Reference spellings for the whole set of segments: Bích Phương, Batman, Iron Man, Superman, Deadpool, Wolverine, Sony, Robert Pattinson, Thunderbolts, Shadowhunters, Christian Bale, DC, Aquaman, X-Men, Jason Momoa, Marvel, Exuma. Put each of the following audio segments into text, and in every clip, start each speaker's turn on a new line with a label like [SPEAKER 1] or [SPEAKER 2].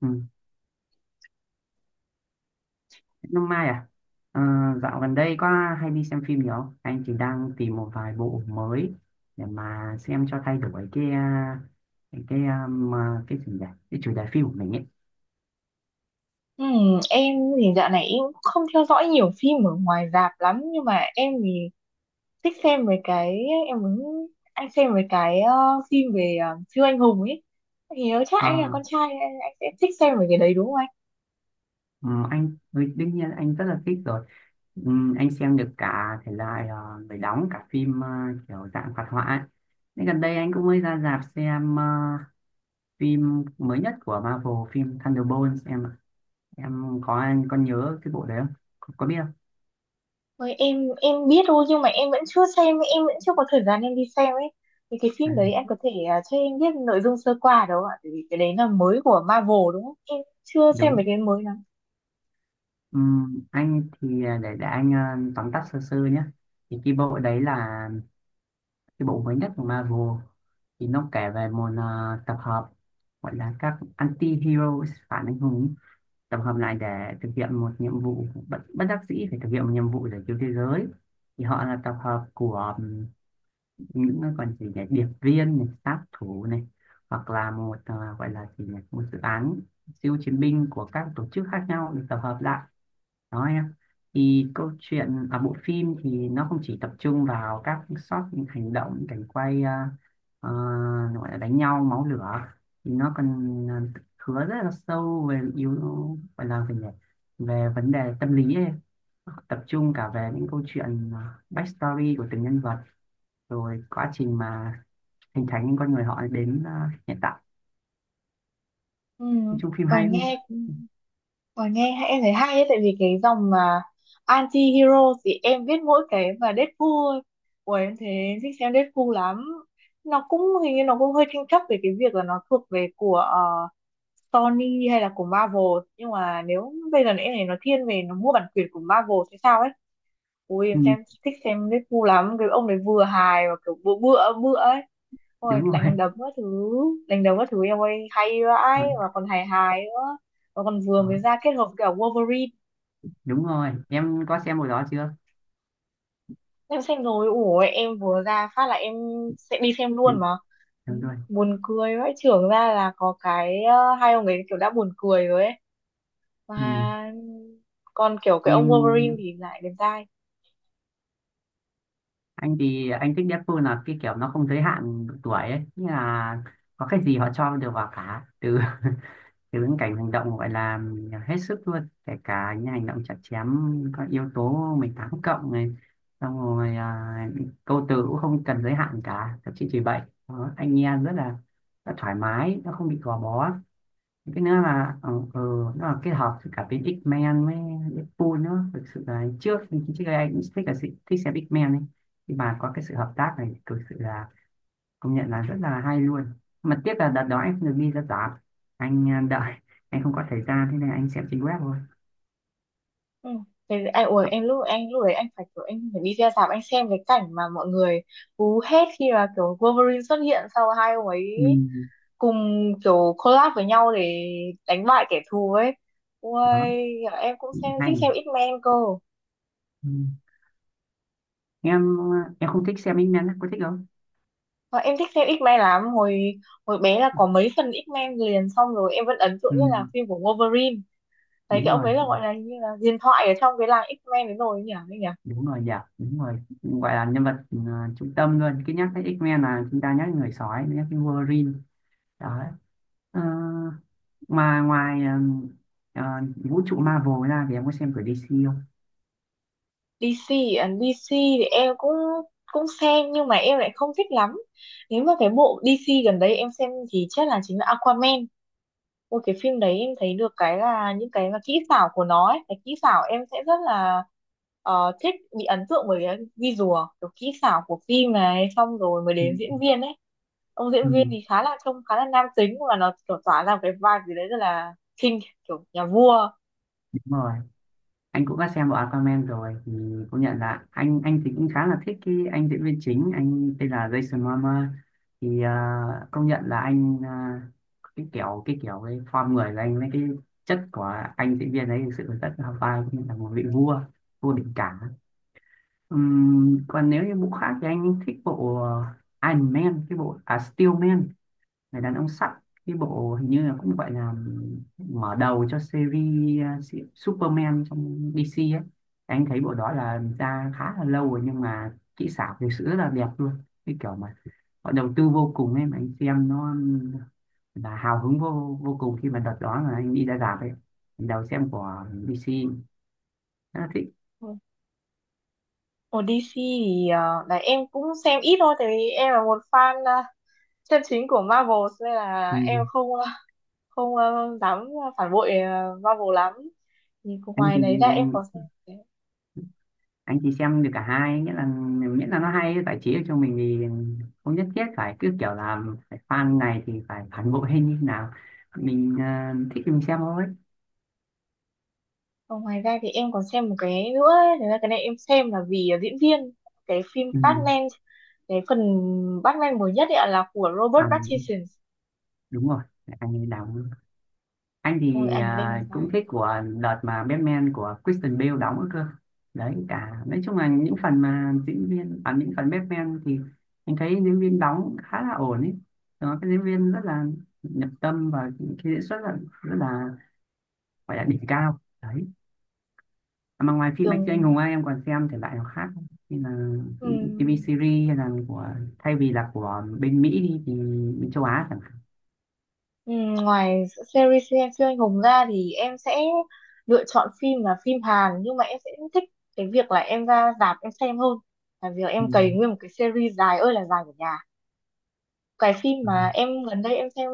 [SPEAKER 1] Ừ. Năm mai à? Ờ, dạo gần đây có hay đi xem phim nhiều không? Anh chỉ đang tìm một vài bộ mới để mà xem cho thay đổi cái cái um, à, cái chủ đề cái chủ đề phim của mình ấy.
[SPEAKER 2] Em thì dạo này em cũng không theo dõi nhiều phim ở ngoài rạp lắm, nhưng mà em thì thích xem về cái, em muốn anh xem về cái phim về siêu anh hùng ấy. Thì nếu chắc anh là
[SPEAKER 1] Ờ,
[SPEAKER 2] con trai anh sẽ thích xem về cái đấy đúng không anh?
[SPEAKER 1] Đương nhiên anh rất là thích rồi. Anh xem được cả thể loại người đóng cả phim kiểu dạng hoạt họa ấy. Nên gần đây anh cũng mới ra rạp xem phim mới nhất của Marvel, phim Thunderbolts em ạ. Em có Anh có nhớ cái bộ đấy không? Có biết không?
[SPEAKER 2] Ôi, em biết thôi, nhưng mà em vẫn chưa xem, em vẫn chưa có thời gian em đi xem ấy. Thì cái
[SPEAKER 1] À.
[SPEAKER 2] phim đấy anh có thể cho em biết nội dung sơ qua được không ạ? Tại vì cái đấy là mới của Marvel đúng không? Em chưa xem về
[SPEAKER 1] đúng
[SPEAKER 2] cái mới lắm.
[SPEAKER 1] Anh thì à, để anh à, tóm tắt sơ sơ nhé, thì cái bộ đấy là cái bộ mới nhất của Marvel. Thì nó kể về một tập hợp gọi là các anti-hero, phản anh hùng, tập hợp lại để thực hiện một nhiệm vụ bất đắc dĩ, phải thực hiện một nhiệm vụ để cứu thế giới. Thì họ là tập hợp của những cái còn gì nhỉ, điệp viên này, sát thủ này, hoặc là một gọi là gì nhỉ, một dự án siêu chiến binh của các tổ chức khác nhau được tập hợp lại đó em. Thì câu chuyện ở bộ phim thì nó không chỉ tập trung vào các shot hành động, cảnh quay ờ, gọi là đánh nhau máu lửa, thì nó còn hứa rất là sâu về yếu gọi là về về vấn đề tâm lý ấy. Tập trung cả về những câu chuyện backstory của từng nhân vật, rồi quá trình mà hình thành những con người họ đến hiện tại.
[SPEAKER 2] Ừm,
[SPEAKER 1] Nói chung phim hay
[SPEAKER 2] còn
[SPEAKER 1] lắm.
[SPEAKER 2] nghe Và em thấy hay ấy, tại vì cái dòng mà anti-hero thì em biết mỗi cái mà Deadpool thôi. Ủa em thấy em thích xem Deadpool lắm. Nó cũng hình như nó cũng hơi tranh chấp về cái việc là nó thuộc về của Sony hay là của Marvel, nhưng mà nếu bây giờ em thấy nó thiên về nó mua bản quyền của Marvel hay sao ấy. Ui em
[SPEAKER 1] Ừ,
[SPEAKER 2] xem thích xem Deadpool ngu lắm. Cái ông đấy vừa hài và kiểu bựa bựa bựa ấy.
[SPEAKER 1] đúng
[SPEAKER 2] Ôi
[SPEAKER 1] rồi.
[SPEAKER 2] đánh đấm các thứ. Đánh đấm các thứ em ơi, hay
[SPEAKER 1] Ừ,
[SPEAKER 2] vãi mà còn hài hài nữa, mà còn vừa
[SPEAKER 1] đó.
[SPEAKER 2] mới ra kết hợp cả Wolverine.
[SPEAKER 1] Đúng rồi, em có xem hồi đó chưa?
[SPEAKER 2] Em xem rồi, ủa em vừa ra phát là em sẽ đi xem
[SPEAKER 1] Ừ,
[SPEAKER 2] luôn mà.
[SPEAKER 1] đúng rồi.
[SPEAKER 2] Buồn cười vãi. Trưởng ra là có cái hai ông ấy kiểu đã buồn cười rồi ấy.
[SPEAKER 1] Ừ.
[SPEAKER 2] Mà còn kiểu cái ông Wolverine
[SPEAKER 1] Phim,
[SPEAKER 2] thì lại đẹp trai.
[SPEAKER 1] anh thì anh thích nhất Deadpool là cái kiểu nó không giới hạn độ tuổi ấy, nghĩa là có cái gì họ cho đều vào cả, từ từ những cảnh hành động gọi là hết sức luôn, kể cả những hành động chặt chém, có yếu tố 18+ này, xong rồi câu từ cũng không cần giới hạn cả, thậm chí chỉ vậy. Đó, anh nghe rất là, rất thoải mái, nó không bị gò bó. Cái nữa là nó là kết hợp với cả bên X-Men với Deadpool nữa. Thực sự là trước trước đây anh cũng thích xem X-Men ấy, nhưng mà có cái sự hợp tác này thực sự là công nhận là rất là hay luôn. Mà tiếc là đợt đó anh không được đi ra rạp, anh đợi, anh không có thời gian, thế nên anh xem trên web thôi.
[SPEAKER 2] Ừ. Thế anh ủa em lúc đấy anh phải kiểu anh phải đi ra rạp anh xem cái cảnh mà mọi người hú hét khi mà kiểu Wolverine xuất hiện, sau hai ông ấy
[SPEAKER 1] Ừ,
[SPEAKER 2] cùng kiểu collab với nhau để đánh bại kẻ thù ấy. Ui
[SPEAKER 1] đó.
[SPEAKER 2] em cũng
[SPEAKER 1] Hay
[SPEAKER 2] thích
[SPEAKER 1] nhỉ.
[SPEAKER 2] xem X-Men cơ.
[SPEAKER 1] Ừ. Em em không thích xem X-Men á, có thích không?
[SPEAKER 2] Và em thích xem X-Men lắm, hồi hồi bé là có mấy phần X-Men liền, xong rồi em vẫn ấn tượng
[SPEAKER 1] Ừ,
[SPEAKER 2] nhất là phim của Wolverine. Thấy
[SPEAKER 1] đúng
[SPEAKER 2] cái ông
[SPEAKER 1] rồi,
[SPEAKER 2] ấy là
[SPEAKER 1] đúng rồi.
[SPEAKER 2] gọi là như là huyền thoại ở trong cái làng X-Men đấy rồi ấy nhỉ.
[SPEAKER 1] Đúng rồi, dạ đúng rồi, gọi là nhân vật trung tâm luôn. Cứ nhắc tới X-Men là chúng ta nhắc đến người sói, nhắc đến Wolverine. Đó. Ờ, mà ngoài ờ, vũ trụ Marvel ra thì em có xem của DC không?
[SPEAKER 2] DC, à, DC thì em cũng cũng xem nhưng mà em lại không thích lắm. Nếu mà cái bộ DC gần đây em xem thì chắc là chính là Aquaman. Một cái phim đấy em thấy được cái là những cái mà kỹ xảo của nó ấy. Cái kỹ xảo em sẽ rất là thích, bị ấn tượng bởi cái visual kiểu kỹ xảo của phim này, xong rồi mới
[SPEAKER 1] Ừ,
[SPEAKER 2] đến diễn viên ấy. Ông
[SPEAKER 1] ừ,
[SPEAKER 2] diễn viên thì khá là trông khá là nam tính, và nó kiểu tỏa ra một cái vibe gì đấy rất là king, kiểu nhà vua.
[SPEAKER 1] đúng rồi, anh cũng đã xem bộ Aquaman rồi. Thì cũng nhận là anh thì cũng khá là thích cái anh diễn viên chính, anh tên là Jason Momoa. Thì công nhận là anh, cái kiểu cái kiểu cái form người của anh với cái chất của anh diễn viên ấy thực sự là rất là vai, cũng như là một vị vua, vua địch cả. Còn nếu như bộ khác thì anh thích bộ Iron Man, cái bộ Steel Man, người đàn ông sắt, cái bộ hình như là cũng gọi là mở đầu cho series Superman trong DC ấy. Anh thấy bộ đó là ra khá là lâu rồi, nhưng mà kỹ xảo thực sự rất là đẹp luôn, cái kiểu mà họ đầu tư vô cùng ấy. Mà anh xem nó là hào hứng vô vô cùng khi mà đợt đó là anh đi ra rạp ấy, đầu xem của DC, rất là thích.
[SPEAKER 2] Ồ, DC thì là em cũng xem ít thôi, tại vì em là một fan chân chính của Marvel, nên là
[SPEAKER 1] Ừ.
[SPEAKER 2] em không không ờ, dám phản bội Marvel lắm. Nhưng
[SPEAKER 1] anh
[SPEAKER 2] ngoài
[SPEAKER 1] thì
[SPEAKER 2] đấy ra em
[SPEAKER 1] anh
[SPEAKER 2] còn xem
[SPEAKER 1] anh thì xem được cả hai, nghĩa là miễn là nó hay, giải trí được cho mình thì không nhất thiết phải cứ kiểu là phải fan này thì phải phản bội hay như thế nào. Mình thích thì mình xem thôi.
[SPEAKER 2] còn ngoài ra thì em còn xem một cái nữa ấy. Thật ra cái này em xem là vì diễn viên cái phim
[SPEAKER 1] Ừ.
[SPEAKER 2] Batman, cái phần Batman mới nhất ấy ạ, là của
[SPEAKER 1] à
[SPEAKER 2] Robert
[SPEAKER 1] đúng
[SPEAKER 2] Pattinson.
[SPEAKER 1] Đúng rồi, anh ấy đóng. Anh
[SPEAKER 2] Ôi
[SPEAKER 1] thì
[SPEAKER 2] anh lên dài
[SPEAKER 1] cũng thích của đợt mà Batman của Christian Bale đóng nữa cơ. Đấy cả, nói chung là những phần mà diễn viên, những phần Batman thì anh thấy diễn viên đóng khá là ổn ấy. Đó, cái diễn viên rất là nhập tâm và cái diễn xuất là rất là, gọi là đỉnh cao đấy. Mà ngoài phim anh siêu anh
[SPEAKER 2] đường.
[SPEAKER 1] hùng ấy, em còn xem thể loại nào khác không? Như là phim TV series, hay là của, thay vì là của bên Mỹ đi thì bên châu Á chẳng hạn.
[SPEAKER 2] Ừ, ngoài series siêu siêu anh hùng ra thì em sẽ lựa chọn phim là phim Hàn, nhưng mà em sẽ thích cái việc là em ra rạp em xem hơn là việc
[SPEAKER 1] Ừ.
[SPEAKER 2] em cày nguyên một cái series dài ơi là dài của nhà. Cái phim
[SPEAKER 1] Ừ.
[SPEAKER 2] mà em gần đây em xem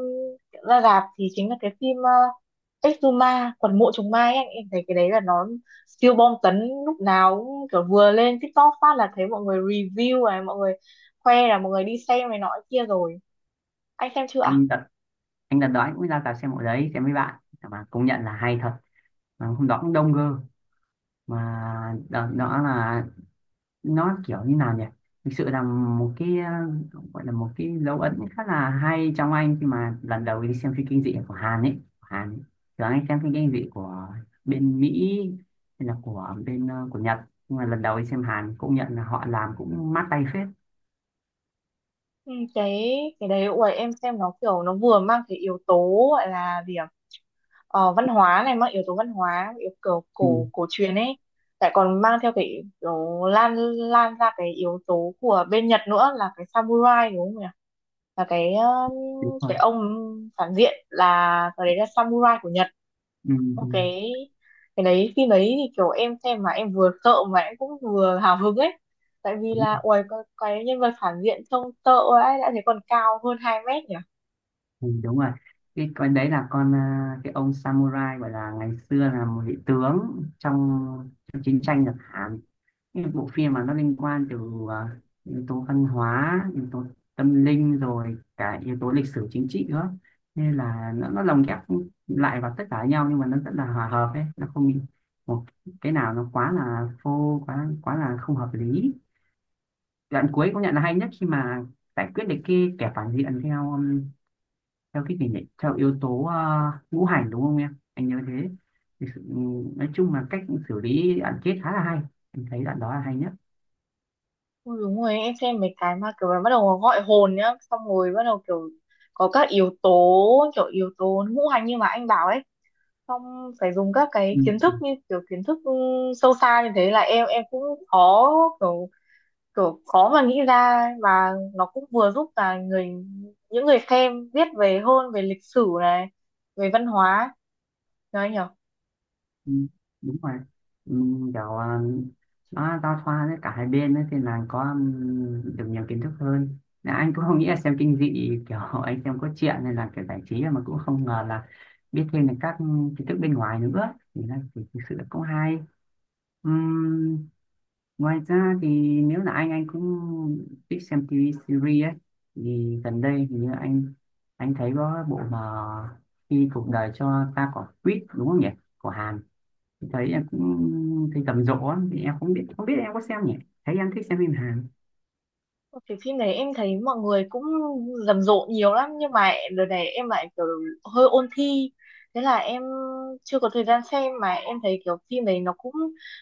[SPEAKER 2] ra rạp thì chính là cái phim Exuma quần mộ trùng mai ấy. Anh em thấy cái đấy là nó siêu bom tấn, lúc nào cũng kiểu vừa lên TikTok phát là thấy mọi người review này, mọi người khoe là mọi người đi xem này nọ kia rồi. Anh xem chưa ạ?
[SPEAKER 1] anh đặt anh đặt đó, anh cũng ra cả xem bộ đấy xem với bạn, mà công nhận là hay thật. Mà hôm đó cũng đông cơ. Mà đợt đó là nó kiểu như nào nhỉ, thực sự là một cái gọi là một cái dấu ấn khá là hay trong anh khi mà lần đầu đi xem phim kinh dị của Hàn ấy, của Hàn ấy. Thường anh xem phim kinh dị của bên Mỹ, hay là của bên của Nhật, nhưng mà lần đầu đi xem Hàn cũng nhận là họ làm cũng mát tay phết.
[SPEAKER 2] Ừ, cái đấy ủa em xem nó kiểu nó vừa mang cái yếu tố gọi là gì ạ, văn hóa này, mang yếu tố văn hóa yếu kiểu
[SPEAKER 1] Ừ,
[SPEAKER 2] cổ cổ truyền ấy, lại còn mang theo cái kiểu lan lan ra cái yếu tố của bên Nhật nữa là cái samurai đúng không nhỉ, là
[SPEAKER 1] đúng rồi.
[SPEAKER 2] cái ông phản diện là cái đấy là samurai của Nhật.
[SPEAKER 1] Ừ,
[SPEAKER 2] Một
[SPEAKER 1] ừ,
[SPEAKER 2] Cái đấy phim đấy thì kiểu em xem mà em vừa sợ mà em cũng vừa hào hứng ấy, tại vì
[SPEAKER 1] đúng,
[SPEAKER 2] là uầy cái nhân vật phản diện trông sợ ấy đã thấy, còn cao hơn 2 mét nhỉ.
[SPEAKER 1] ừ, đúng rồi. Cái con đấy là con cái ông samurai, gọi là ngày xưa là một vị tướng trong chiến tranh Nhật Hàn. Những bộ phim mà nó liên quan từ à, yếu tố văn hóa, yếu tố tâm linh, rồi cả yếu tố lịch sử chính trị nữa, nên là nó lồng ghép lại vào tất cả nhau, nhưng mà nó rất là hòa hợp ấy, nó không bị một cái nào nó quá là phô, quá quá là không hợp lý. Đoạn cuối cũng nhận là hay nhất khi mà giải quyết được cái kẻ phản diện theo theo cái gì nhỉ, theo yếu tố ngũ hành, đúng không em, anh nhớ thế. Thì sự- ừ, nói chung là cách xử lý đoạn kết khá là hay, anh thấy đoạn đó là hay
[SPEAKER 2] Ui, đúng rồi em xem mấy cái mà kiểu là bắt đầu gọi hồn nhá, xong rồi bắt đầu kiểu có các yếu tố kiểu yếu tố ngũ hành như mà anh bảo ấy. Xong phải dùng các cái kiến
[SPEAKER 1] nhất.
[SPEAKER 2] thức như kiểu kiến thức sâu xa như thế là em cũng khó, kiểu kiểu khó mà nghĩ ra, và nó cũng vừa giúp là những người xem biết về hơn về lịch sử này, về văn hóa, nói nhỉ.
[SPEAKER 1] Ừ, đúng rồi. Ừ, kiểu nó giao thoa với cả hai bên ấy, thì là có được nhiều kiến thức hơn. Là anh cũng không nghĩ là xem kinh dị kiểu anh xem có chuyện, nên là kiểu giải trí mà cũng không ngờ là biết thêm được các kiến thức bên ngoài nữa, thì là thì thực sự là cũng hay. Ừm, ngoài ra thì nếu là anh cũng thích xem TV series ấy. Thì gần đây thì như anh thấy có bộ mà Khi Cuộc Đời Cho Ta Quả Quýt, đúng không nhỉ, của Hàn. Thấy em cũng thấy rầm rộ, thì em không biết, em có xem nhỉ? Thấy em thích xem phim Hàn.
[SPEAKER 2] Thì phim này em thấy mọi người cũng rầm rộ nhiều lắm, nhưng mà đợt này em lại kiểu hơi ôn thi, thế là em chưa có thời gian xem. Mà em thấy kiểu phim này nó cũng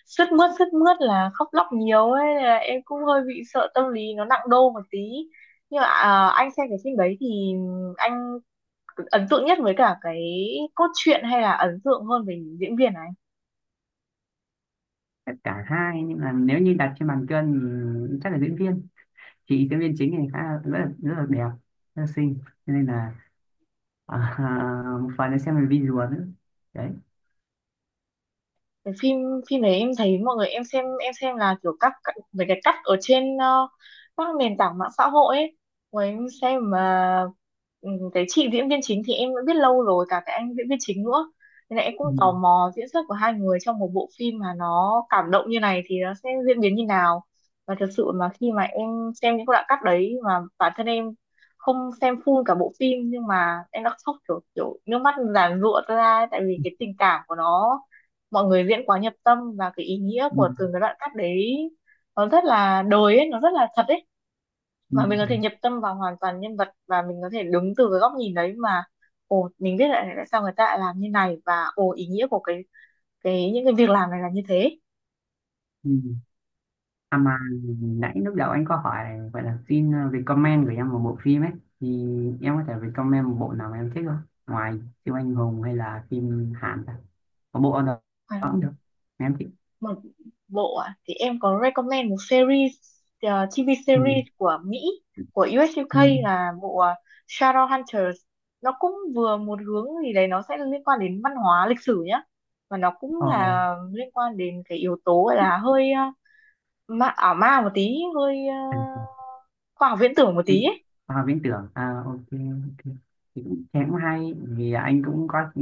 [SPEAKER 2] sướt mướt, sướt mướt là khóc lóc nhiều ấy, nên là em cũng hơi bị sợ tâm lý nó nặng đô một tí. Nhưng mà anh xem cái phim đấy thì anh ấn tượng nhất với cả cái cốt truyện, hay là ấn tượng hơn về những diễn viên ấy?
[SPEAKER 1] Tất cả hai, nhưng mà nếu như đặt trên bàn cân thì chắc là diễn viên. Chị diễn viên chính này khá là, rất là, rất là đẹp, rất là xinh. Cho nên là một phần là xem về visual nữa đấy.
[SPEAKER 2] Cái phim Phim đấy em thấy mọi người, em xem là kiểu mấy cái cắt ở trên các nền tảng mạng xã hội ấy. Rồi em xem mà, ừ, cái chị diễn viên chính thì em đã biết lâu rồi, cả cái anh diễn viên chính nữa, nên là em cũng
[SPEAKER 1] Ừ,
[SPEAKER 2] tò mò diễn xuất của hai người trong một bộ phim mà nó cảm động như này thì nó sẽ diễn biến như nào. Và thật sự mà khi mà em xem những cái đoạn cắt đấy, mà bản thân em không xem full cả bộ phim, nhưng mà em đã khóc kiểu kiểu nước mắt giàn giụa ra ấy, tại vì cái tình cảm của nó, mọi người diễn quá nhập tâm, và cái ý nghĩa
[SPEAKER 1] ừ,
[SPEAKER 2] của từng cái đoạn cắt đấy nó rất là đời ấy, nó rất là thật ấy.
[SPEAKER 1] ừ,
[SPEAKER 2] Mà mình có
[SPEAKER 1] ừ.
[SPEAKER 2] thể nhập tâm vào hoàn toàn nhân vật, và mình có thể đứng từ cái góc nhìn đấy mà ồ mình biết lại tại sao người ta lại làm như này, và ồ ý nghĩa của cái những cái việc làm này là như thế.
[SPEAKER 1] Ừ. À mà nãy lúc đầu anh có hỏi vậy là xin recommend của em một bộ phim ấy, thì em có thể recommend một bộ nào mà em thích không, ngoài siêu anh hùng hay là phim Hàn ta? Có bộ ở đó cũng được em thích.
[SPEAKER 2] Một bộ à, thì em có recommend một series TV
[SPEAKER 1] Ừ.
[SPEAKER 2] series của Mỹ, của US
[SPEAKER 1] Ừ.
[SPEAKER 2] UK, là bộ Shadowhunters. Nó cũng vừa một hướng gì đấy nó sẽ liên quan đến văn hóa lịch sử nhá, và nó cũng
[SPEAKER 1] Ờ.
[SPEAKER 2] là liên quan đến cái yếu tố gọi là hơi ma, ảo ma một tí, hơi
[SPEAKER 1] À,
[SPEAKER 2] khoa học viễn tưởng một tí
[SPEAKER 1] Vĩnh
[SPEAKER 2] ấy.
[SPEAKER 1] Viễn tưởng à, ok ok, thì cũng thế, cũng hay, vì anh cũng có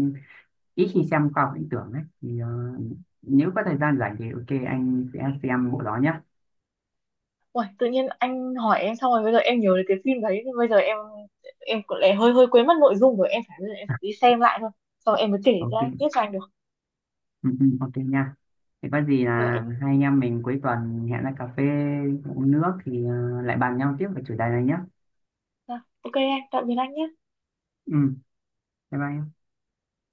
[SPEAKER 1] ít khi xem khoa học viễn tưởng ấy. Thì nếu có thời gian rảnh thì ok anh sẽ xem bộ đó nhé.
[SPEAKER 2] Ui, tự nhiên anh hỏi em xong rồi bây giờ em nhớ đến cái phim đấy, thì bây giờ em cũng lại hơi hơi quên mất nội dung rồi, em phải bây giờ em phải đi xem lại thôi, sau em mới kể ra tiếp
[SPEAKER 1] Ok.
[SPEAKER 2] cho anh được.
[SPEAKER 1] Ừ, ừ, ok nha, thì có gì
[SPEAKER 2] Rồi
[SPEAKER 1] là
[SPEAKER 2] anh,
[SPEAKER 1] hai anh em mình cuối tuần hẹn ra cà phê uống nước, thì lại bàn nhau tiếp về chủ đề này nhé.
[SPEAKER 2] à, ok anh, tạm biệt anh nhé.
[SPEAKER 1] Ừ, bye bye em.